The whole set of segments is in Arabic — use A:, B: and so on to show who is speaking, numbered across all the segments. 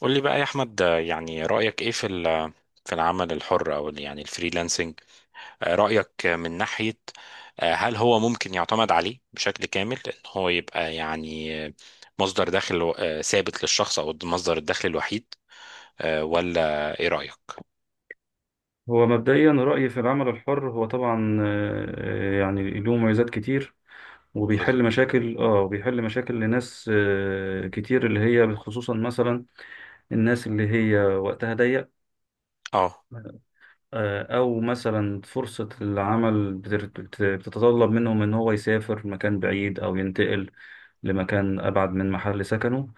A: قول لي بقى يا احمد، يعني رايك ايه في العمل الحر يعني الفريلانسنج. رايك من ناحيه، هل هو ممكن يعتمد عليه بشكل كامل ان هو يبقى مصدر دخل ثابت للشخص، او مصدر الدخل الوحيد، ولا ايه رايك؟
B: هو مبدئيا رأيي في العمل الحر هو طبعا يعني له مميزات كتير وبيحل
A: بالظبط.
B: مشاكل وبيحل مشاكل لناس كتير اللي هي خصوصا مثلا الناس اللي هي وقتها ضيق.
A: اه،
B: او مثلا فرصة العمل بتتطلب منهم ان هو يسافر مكان بعيد او ينتقل لمكان ابعد من محل سكنه.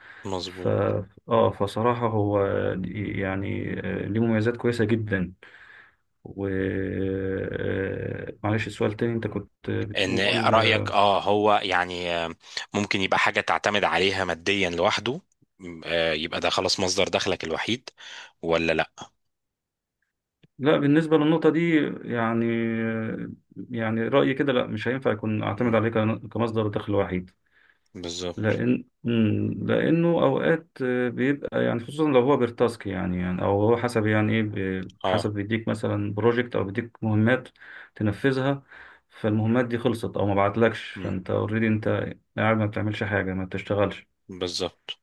B: ف
A: مظبوط.
B: اه فصراحة هو يعني ليه مميزات كويسة جدا. و آه، معلش السؤال تاني انت كنت
A: ان
B: بتقول.
A: رايك اه هو يعني آه، ممكن يبقى حاجه تعتمد عليها ماديا لوحده. يبقى ده خلاص مصدر دخلك الوحيد ولا لا؟
B: لا بالنسبة للنقطة دي يعني رأيي كده لا مش هينفع يكون أعتمد
A: مم.
B: عليه كمصدر دخل وحيد.
A: بالظبط.
B: لأن لأنه أوقات بيبقى يعني خصوصا لو هو بالتاسك يعني أو هو حسب يعني إيه
A: اه،
B: حسب بيديك مثلا بروجكت أو بيديك مهمات تنفذها. فالمهمات دي خلصت أو ما بعتلكش فأنت أوريدي أنت قاعد ما بتعملش حاجة ما بتشتغلش.
A: بالظبط.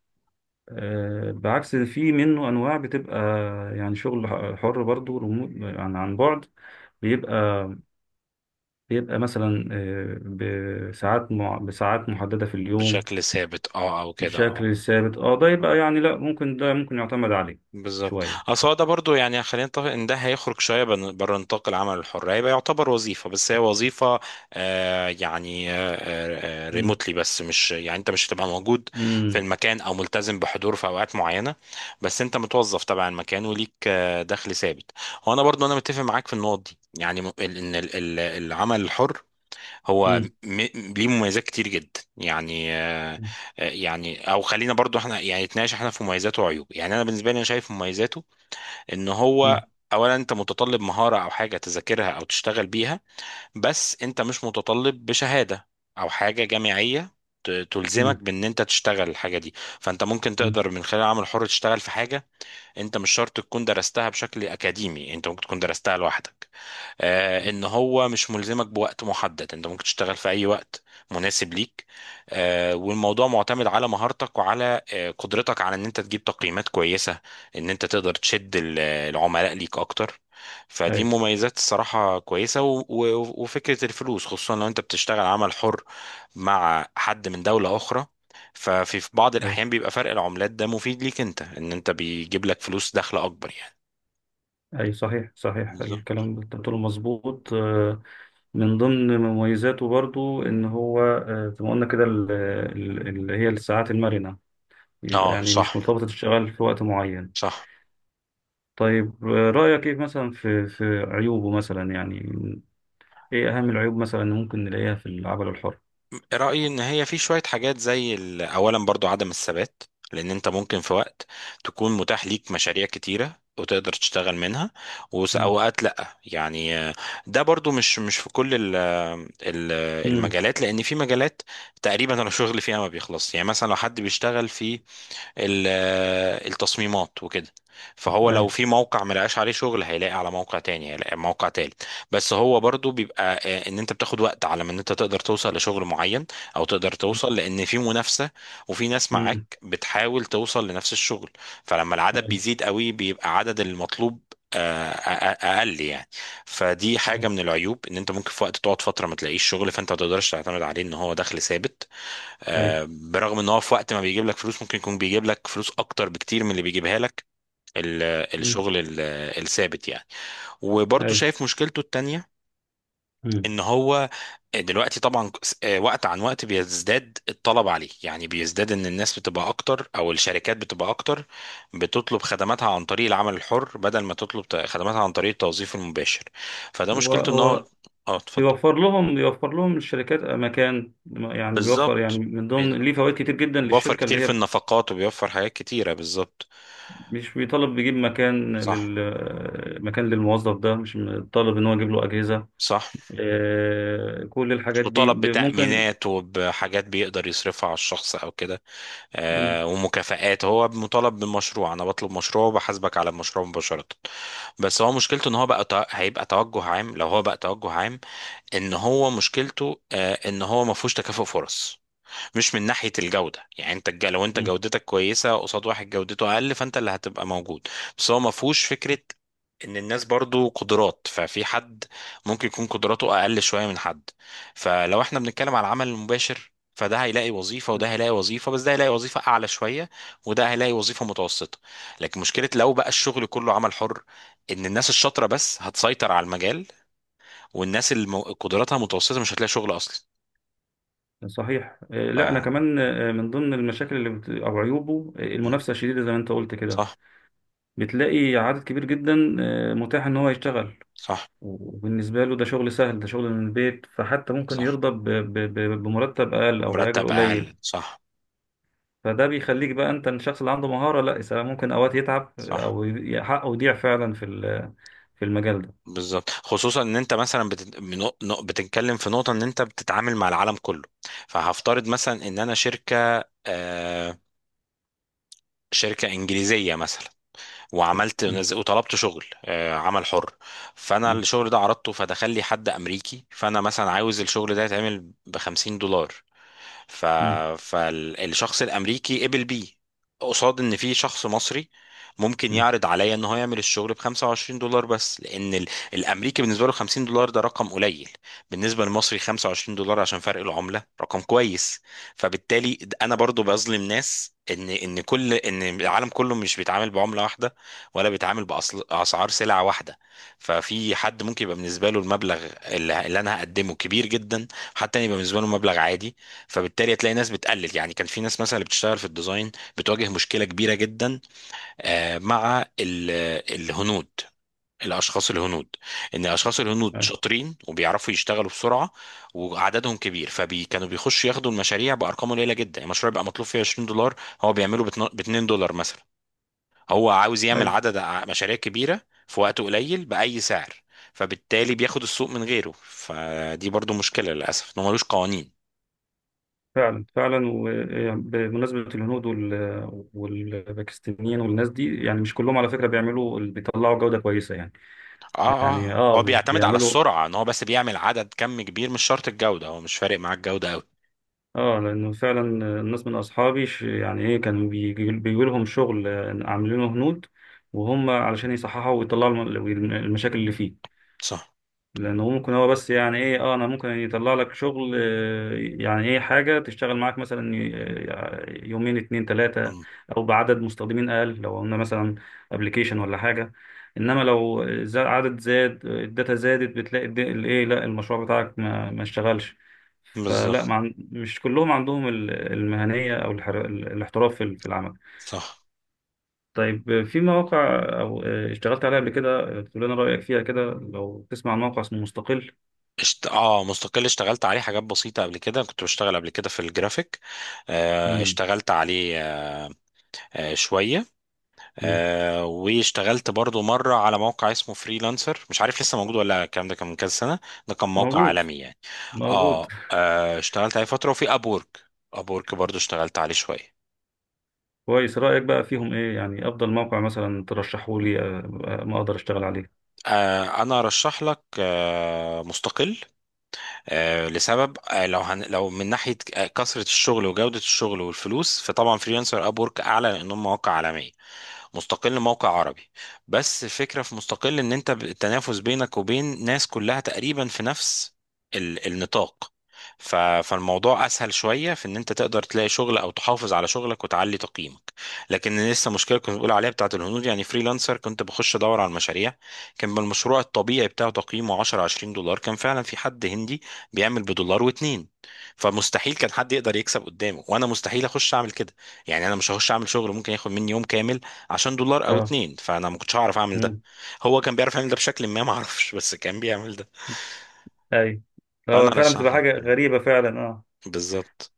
B: بعكس في منه انواع بتبقى يعني شغل حر برضو ريموت عن بعد. بيبقى مثلا بساعات بساعات محدده في اليوم
A: بشكل ثابت اه، او كده اه.
B: بشكل ثابت اه. ده يبقى
A: اه،
B: يعني لا ممكن، ده ممكن يعتمد عليه
A: بالظبط.
B: شويه.
A: اصل هو ده برضو، يعني خلينا نتفق ان ده هيخرج شويه بره نطاق العمل الحر، هيبقى يعتبر وظيفه، بس هي وظيفه آه يعني آه
B: امم
A: ريموتلي، بس مش يعني انت مش هتبقى موجود في
B: امم
A: المكان او ملتزم بحضور في اوقات معينه، بس انت متوظف تبع المكان وليك آه دخل ثابت. وانا برضو انا متفق معاك في النقط دي، يعني العمل الحر هو
B: امم
A: ليه مميزات كتير جدا، يعني او خلينا برضو احنا يعني نتناقش احنا في مميزاته وعيوبه. يعني انا بالنسبه لي، انا شايف مميزاته ان هو اولا انت متطلب مهاره او حاجه تذاكرها او تشتغل بيها، بس انت مش متطلب بشهاده او حاجه جامعيه تلزمك
B: امم
A: بان انت تشتغل الحاجه دي. فانت ممكن
B: امم
A: تقدر من خلال عمل حر تشتغل في حاجه انت مش شرط تكون درستها بشكل اكاديمي، انت ممكن تكون درستها لوحدك. ان هو مش ملزمك بوقت محدد، انت ممكن تشتغل في اي وقت مناسب ليك. والموضوع معتمد على مهارتك وعلى قدرتك على ان انت تجيب تقييمات كويسة، ان انت تقدر تشد العملاء ليك اكتر. فدي
B: اي،
A: مميزات الصراحة كويسة، وفكرة الفلوس خصوصا لو انت بتشتغل عمل حر مع حد من دولة اخرى، في بعض
B: اي
A: الاحيان بيبقى فرق العملات ده مفيد ليك انت، ان انت بيجيب لك فلوس دخل اكبر يعني.
B: صحيح،
A: بالظبط.
B: الكلام اللي انت بتقوله مظبوط. من ضمن مميزاته برضو ان هو زي ما قلنا كده اللي هي الساعات المرنه، يبقى
A: اه،
B: يعني مش
A: صح.
B: مرتبطة الشغل في وقت معين.
A: صح.
B: طيب رأيك ايه مثلا في عيوبه مثلا؟ يعني ايه أهم العيوب مثلا اللي ممكن نلاقيها في العمل الحر؟
A: رأيي إن هي في شوية حاجات، زي أولا برضو عدم الثبات، لأن أنت ممكن في وقت تكون متاح ليك مشاريع كتيرة وتقدر تشتغل منها،
B: مم.
A: وأوقات لأ، ده برضو مش في كل ال ال
B: مم.
A: المجالات، لأن في مجالات تقريبا الشغل فيها ما بيخلص. يعني مثلا لو حد بيشتغل في ال- التصميمات وكده، فهو لو
B: أي.
A: في موقع ملقاش عليه شغل، هيلاقي على موقع تاني، هيلاقي على موقع تالت. بس هو برضو بيبقى ان انت بتاخد وقت على ما ان انت تقدر توصل لشغل معين، او تقدر توصل لان في منافسة وفي ناس
B: مم.
A: معاك بتحاول توصل لنفس الشغل. فلما العدد
B: أي
A: بيزيد قوي، بيبقى عدد المطلوب آه، أ- اقل يعني. فدي حاجه
B: أي
A: من العيوب، ان انت ممكن في وقت تقعد فتره ما تلاقيش شغل، فانت ما تقدرش تعتمد عليه ان هو دخل ثابت.
B: أي.
A: برغم ان هو في وقت ما بيجيب لك فلوس، ممكن يكون بيجيب لك فلوس اكتر بكتير من اللي بيجيبها لك ال-
B: مم.
A: الشغل الثابت يعني. وبرضه
B: أي.
A: شايف مشكلته التانية
B: مم.
A: ان هو دلوقتي طبعا وقت عن وقت بيزداد الطلب عليه، يعني بيزداد ان الناس بتبقى اكتر او الشركات بتبقى اكتر بتطلب خدماتها عن طريق العمل الحر بدل ما تطلب خدماتها عن طريق التوظيف المباشر. فده
B: هو
A: مشكلته ان هو
B: هو
A: اه اتفضل.
B: بيوفر لهم، بيوفر لهم الشركات مكان، يعني بيوفر، يعني
A: بالظبط.
B: من ضمن
A: بالظبط.
B: ليه فوائد كتير جدا
A: بيوفر
B: للشركة اللي
A: كتير في
B: هي
A: النفقات وبيوفر حاجات كتيرة بالظبط.
B: مش بيطالب بيجيب مكان
A: صح.
B: لل مكان للموظف ده، مش طالب ان هو يجيب له أجهزة.
A: صح.
B: كل الحاجات دي
A: وطلب
B: ممكن.
A: بتأمينات وبحاجات بيقدر يصرفها على الشخص او كده.
B: مم.
A: آه، ومكافآت. هو مطالب بمشروع، انا بطلب مشروع وبحاسبك على المشروع مباشرة. بس هو مشكلته ان هو بقى هيبقى توجه عام. لو هو بقى توجه عام، ان هو مشكلته آه ان هو ما فيهوش تكافؤ فرص. مش من ناحية الجودة، يعني انت لو انت
B: مم.
A: جودتك كويسة قصاد واحد جودته اقل، فانت اللي هتبقى موجود. بس هو ما فيهوش فكرة ان الناس برضو قدرات، ففي حد ممكن يكون قدراته اقل شوية من حد. فلو احنا بنتكلم على العمل المباشر، فده هيلاقي وظيفة وده هيلاقي وظيفة، بس ده هيلاقي وظيفة أعلى شوية وده هيلاقي وظيفة متوسطة. لكن مشكلة لو بقى الشغل كله عمل حر، إن الناس الشاطرة بس هتسيطر على المجال، والناس اللي قدراتها متوسطة مش هتلاقي شغل أصلا.
B: صحيح.
A: ف...
B: لا انا كمان من ضمن المشاكل اللي او عيوبه المنافسه الشديده زي ما انت قلت كده.
A: صح.
B: بتلاقي عدد كبير جدا متاح ان هو يشتغل،
A: صح.
B: وبالنسبه له ده شغل سهل، ده شغل من البيت، فحتى ممكن
A: صح،
B: يرضى بمرتب اقل او باجر
A: مرتب اقل.
B: قليل.
A: صح.
B: فده بيخليك بقى انت الشخص اللي عنده مهاره لا ممكن اوقات يتعب
A: صح،
B: حقه يضيع فعلا في المجال ده.
A: بالظبط. خصوصا ان انت مثلا بتتكلم في نقطه ان انت بتتعامل مع العالم كله. فهفترض مثلا ان انا شركه انجليزيه مثلا، وعملت
B: مم.
A: وطلبت عمل حر. فانا
B: مم.
A: الشغل ده عرضته، فدخل لي حد امريكي. فانا مثلا عاوز الشغل ده يتعمل ب 50 دولار. ف...
B: مم.
A: فالشخص الامريكي قبل بيه، قصاد ان في شخص مصري ممكن يعرض عليا ان هو يعمل الشغل ب 25 دولار، بس لان الامريكي بالنسبه له 50 دولار ده رقم قليل، بالنسبه للمصري 25 دولار عشان فرق العمله رقم كويس. فبالتالي انا برضو بظلم ناس، ان ان كل ان العالم كله مش بيتعامل بعمله واحده ولا بيتعامل باسعار سلعه واحده. ففي حد ممكن يبقى بالنسبه له المبلغ اللي انا هقدمه كبير جدا، حتى يبقى بالنسبه له مبلغ عادي. فبالتالي هتلاقي ناس بتقلل. يعني كان في ناس مثلا اللي بتشتغل في الديزاين بتواجه مشكلة كبيرة جدا مع الهنود، الاشخاص الهنود. ان الاشخاص الهنود
B: مم.
A: شاطرين وبيعرفوا يشتغلوا بسرعه وعددهم كبير، فكانوا بيخشوا ياخدوا المشاريع بارقام قليله جدا. المشروع يبقى مطلوب فيه 20 دولار، هو بيعمله ب 2 دولار مثلا. هو عاوز يعمل
B: أيوة.
A: عدد مشاريع كبيره في وقت قليل باي سعر. فبالتالي بياخد السوق من غيره. فدي برضو مشكله للاسف، انه ملوش قوانين.
B: فعلا فعلا. وبمناسبة الهنود والباكستانيين والناس دي، يعني مش كلهم على فكرة بيعملوا، بيطلعوا جودة كويسة يعني.
A: اه.
B: يعني
A: اه،
B: اه
A: هو بيعتمد على
B: بيعملوا
A: السرعة، ان هو بس بيعمل عدد كم كبير، مش شرط الجودة، هو مش فارق معاه الجودة قوي.
B: اه. لأنه فعلا الناس من أصحابي يعني ايه، كانوا بيجي لهم شغل عاملينه هنود، وهم علشان يصححوا ويطلعوا المشاكل اللي فيه.
A: صح.
B: لانه ممكن هو بس يعني ايه، اه انا ممكن يطلع لك شغل يعني ايه حاجه تشتغل معاك مثلا يومين اتنين تلاته،
A: مم.
B: او بعدد مستخدمين اقل لو قلنا مثلا ابلكيشن ولا حاجه. انما لو عدد زاد، الداتا زادت، بتلاقي الد- الايه لا المشروع بتاعك ما اشتغلش. فلا
A: بالظبط.
B: ما عن- مش كلهم عندهم المهنيه او الاحتراف في العمل.
A: صح.
B: طيب في مواقع او اشتغلت عليها قبل كده تقول لنا رايك فيها كده، لو تسمع عن موقع اسمه مستقل.
A: اه مستقل، اشتغلت عليه حاجات بسيطة قبل كده، كنت بشتغل قبل كده في الجرافيك. آه، اشتغلت عليه آه، آه شوية.
B: مم.
A: آه، واشتغلت برضو مرة على موقع اسمه فريلانسر، مش عارف لسه موجود ولا لا، الكلام ده كان من كذا سنة. ده كان موقع
B: موجود،
A: عالمي يعني.
B: موجود.
A: اه, آه اشتغلت عليه فترة، وفي ابورك. ابورك برضو اشتغلت عليه شوية.
B: كويس. رأيك بقى فيهم ايه؟ يعني افضل موقع مثلا ترشحه لي ما اقدر اشتغل عليه.
A: انا ارشح لك مستقل. لسبب لو لو من ناحيه كثره الشغل وجوده الشغل والفلوس، فطبعا فريلانسر اب وورك اعلى، لانهم مواقع عالميه. مستقل موقع عربي، بس الفكرة في مستقل ان انت التنافس بينك وبين ناس كلها تقريبا في نفس النطاق. فالموضوع اسهل شوية في ان انت تقدر تلاقي شغل او تحافظ على شغلك وتعلي تقييمك. لكن لسه مشكلة كنت بقول عليها بتاعت الهنود، يعني فريلانسر، كنت بخش ادور على المشاريع، كان بالمشروع الطبيعي بتاعه تقييمه 10 20 دولار، كان فعلا في حد هندي بيعمل بدولار واتنين. فمستحيل كان حد يقدر يكسب قدامه، وانا مستحيل اخش اعمل كده. يعني انا مش هخش اعمل شغل ممكن ياخد مني يوم كامل عشان دولار او
B: اه.
A: اتنين، فانا ما كنتش هعرف اعمل ده.
B: مم.
A: هو كان بيعرف يعمل ده بشكل ما اعرفش، بس كان بيعمل ده.
B: اي،
A: فانا
B: هو فعلا
A: رشح
B: بتبقى
A: لك.
B: حاجة غريبة فعلا اه.
A: بالظبط.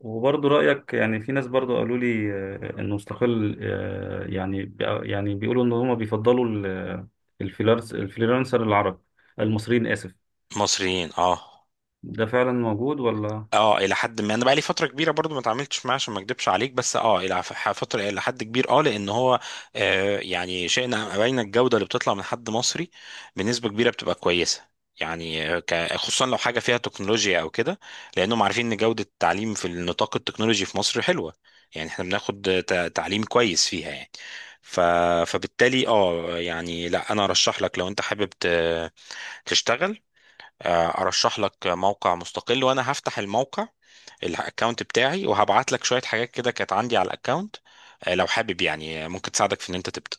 B: وبرضه رأيك يعني في ناس برضه قالوا لي انه مستقل يعني يعني بيقولوا ان هم بيفضلوا الفريلانس، الفريلانسر العرب، المصريين، آسف.
A: مصريين اه.
B: ده فعلا موجود ولا؟
A: اه، الى حد ما، انا بقى لي فتره كبيره برضو ما اتعاملتش معاه عشان ما اكدبش عليك، بس اه الى فتره الى حد كبير اه، لان هو آه يعني شئنا ام ابينا الجوده اللي بتطلع من حد مصري بنسبه كبيره بتبقى كويسه. يعني خصوصا لو حاجه فيها تكنولوجيا او كده، لانهم عارفين ان جوده التعليم في النطاق التكنولوجي في مصر حلوه. يعني احنا بناخد تعليم كويس فيها يعني. ف... فبالتالي اه يعني لا انا ارشح لك. لو انت حابب تشتغل، ارشح لك موقع مستقل. وانا هفتح الموقع، الاكونت بتاعي، وهبعت لك شوية حاجات كده كانت عندي على الاكونت. لو حابب يعني، ممكن تساعدك في ان انت تبدأ.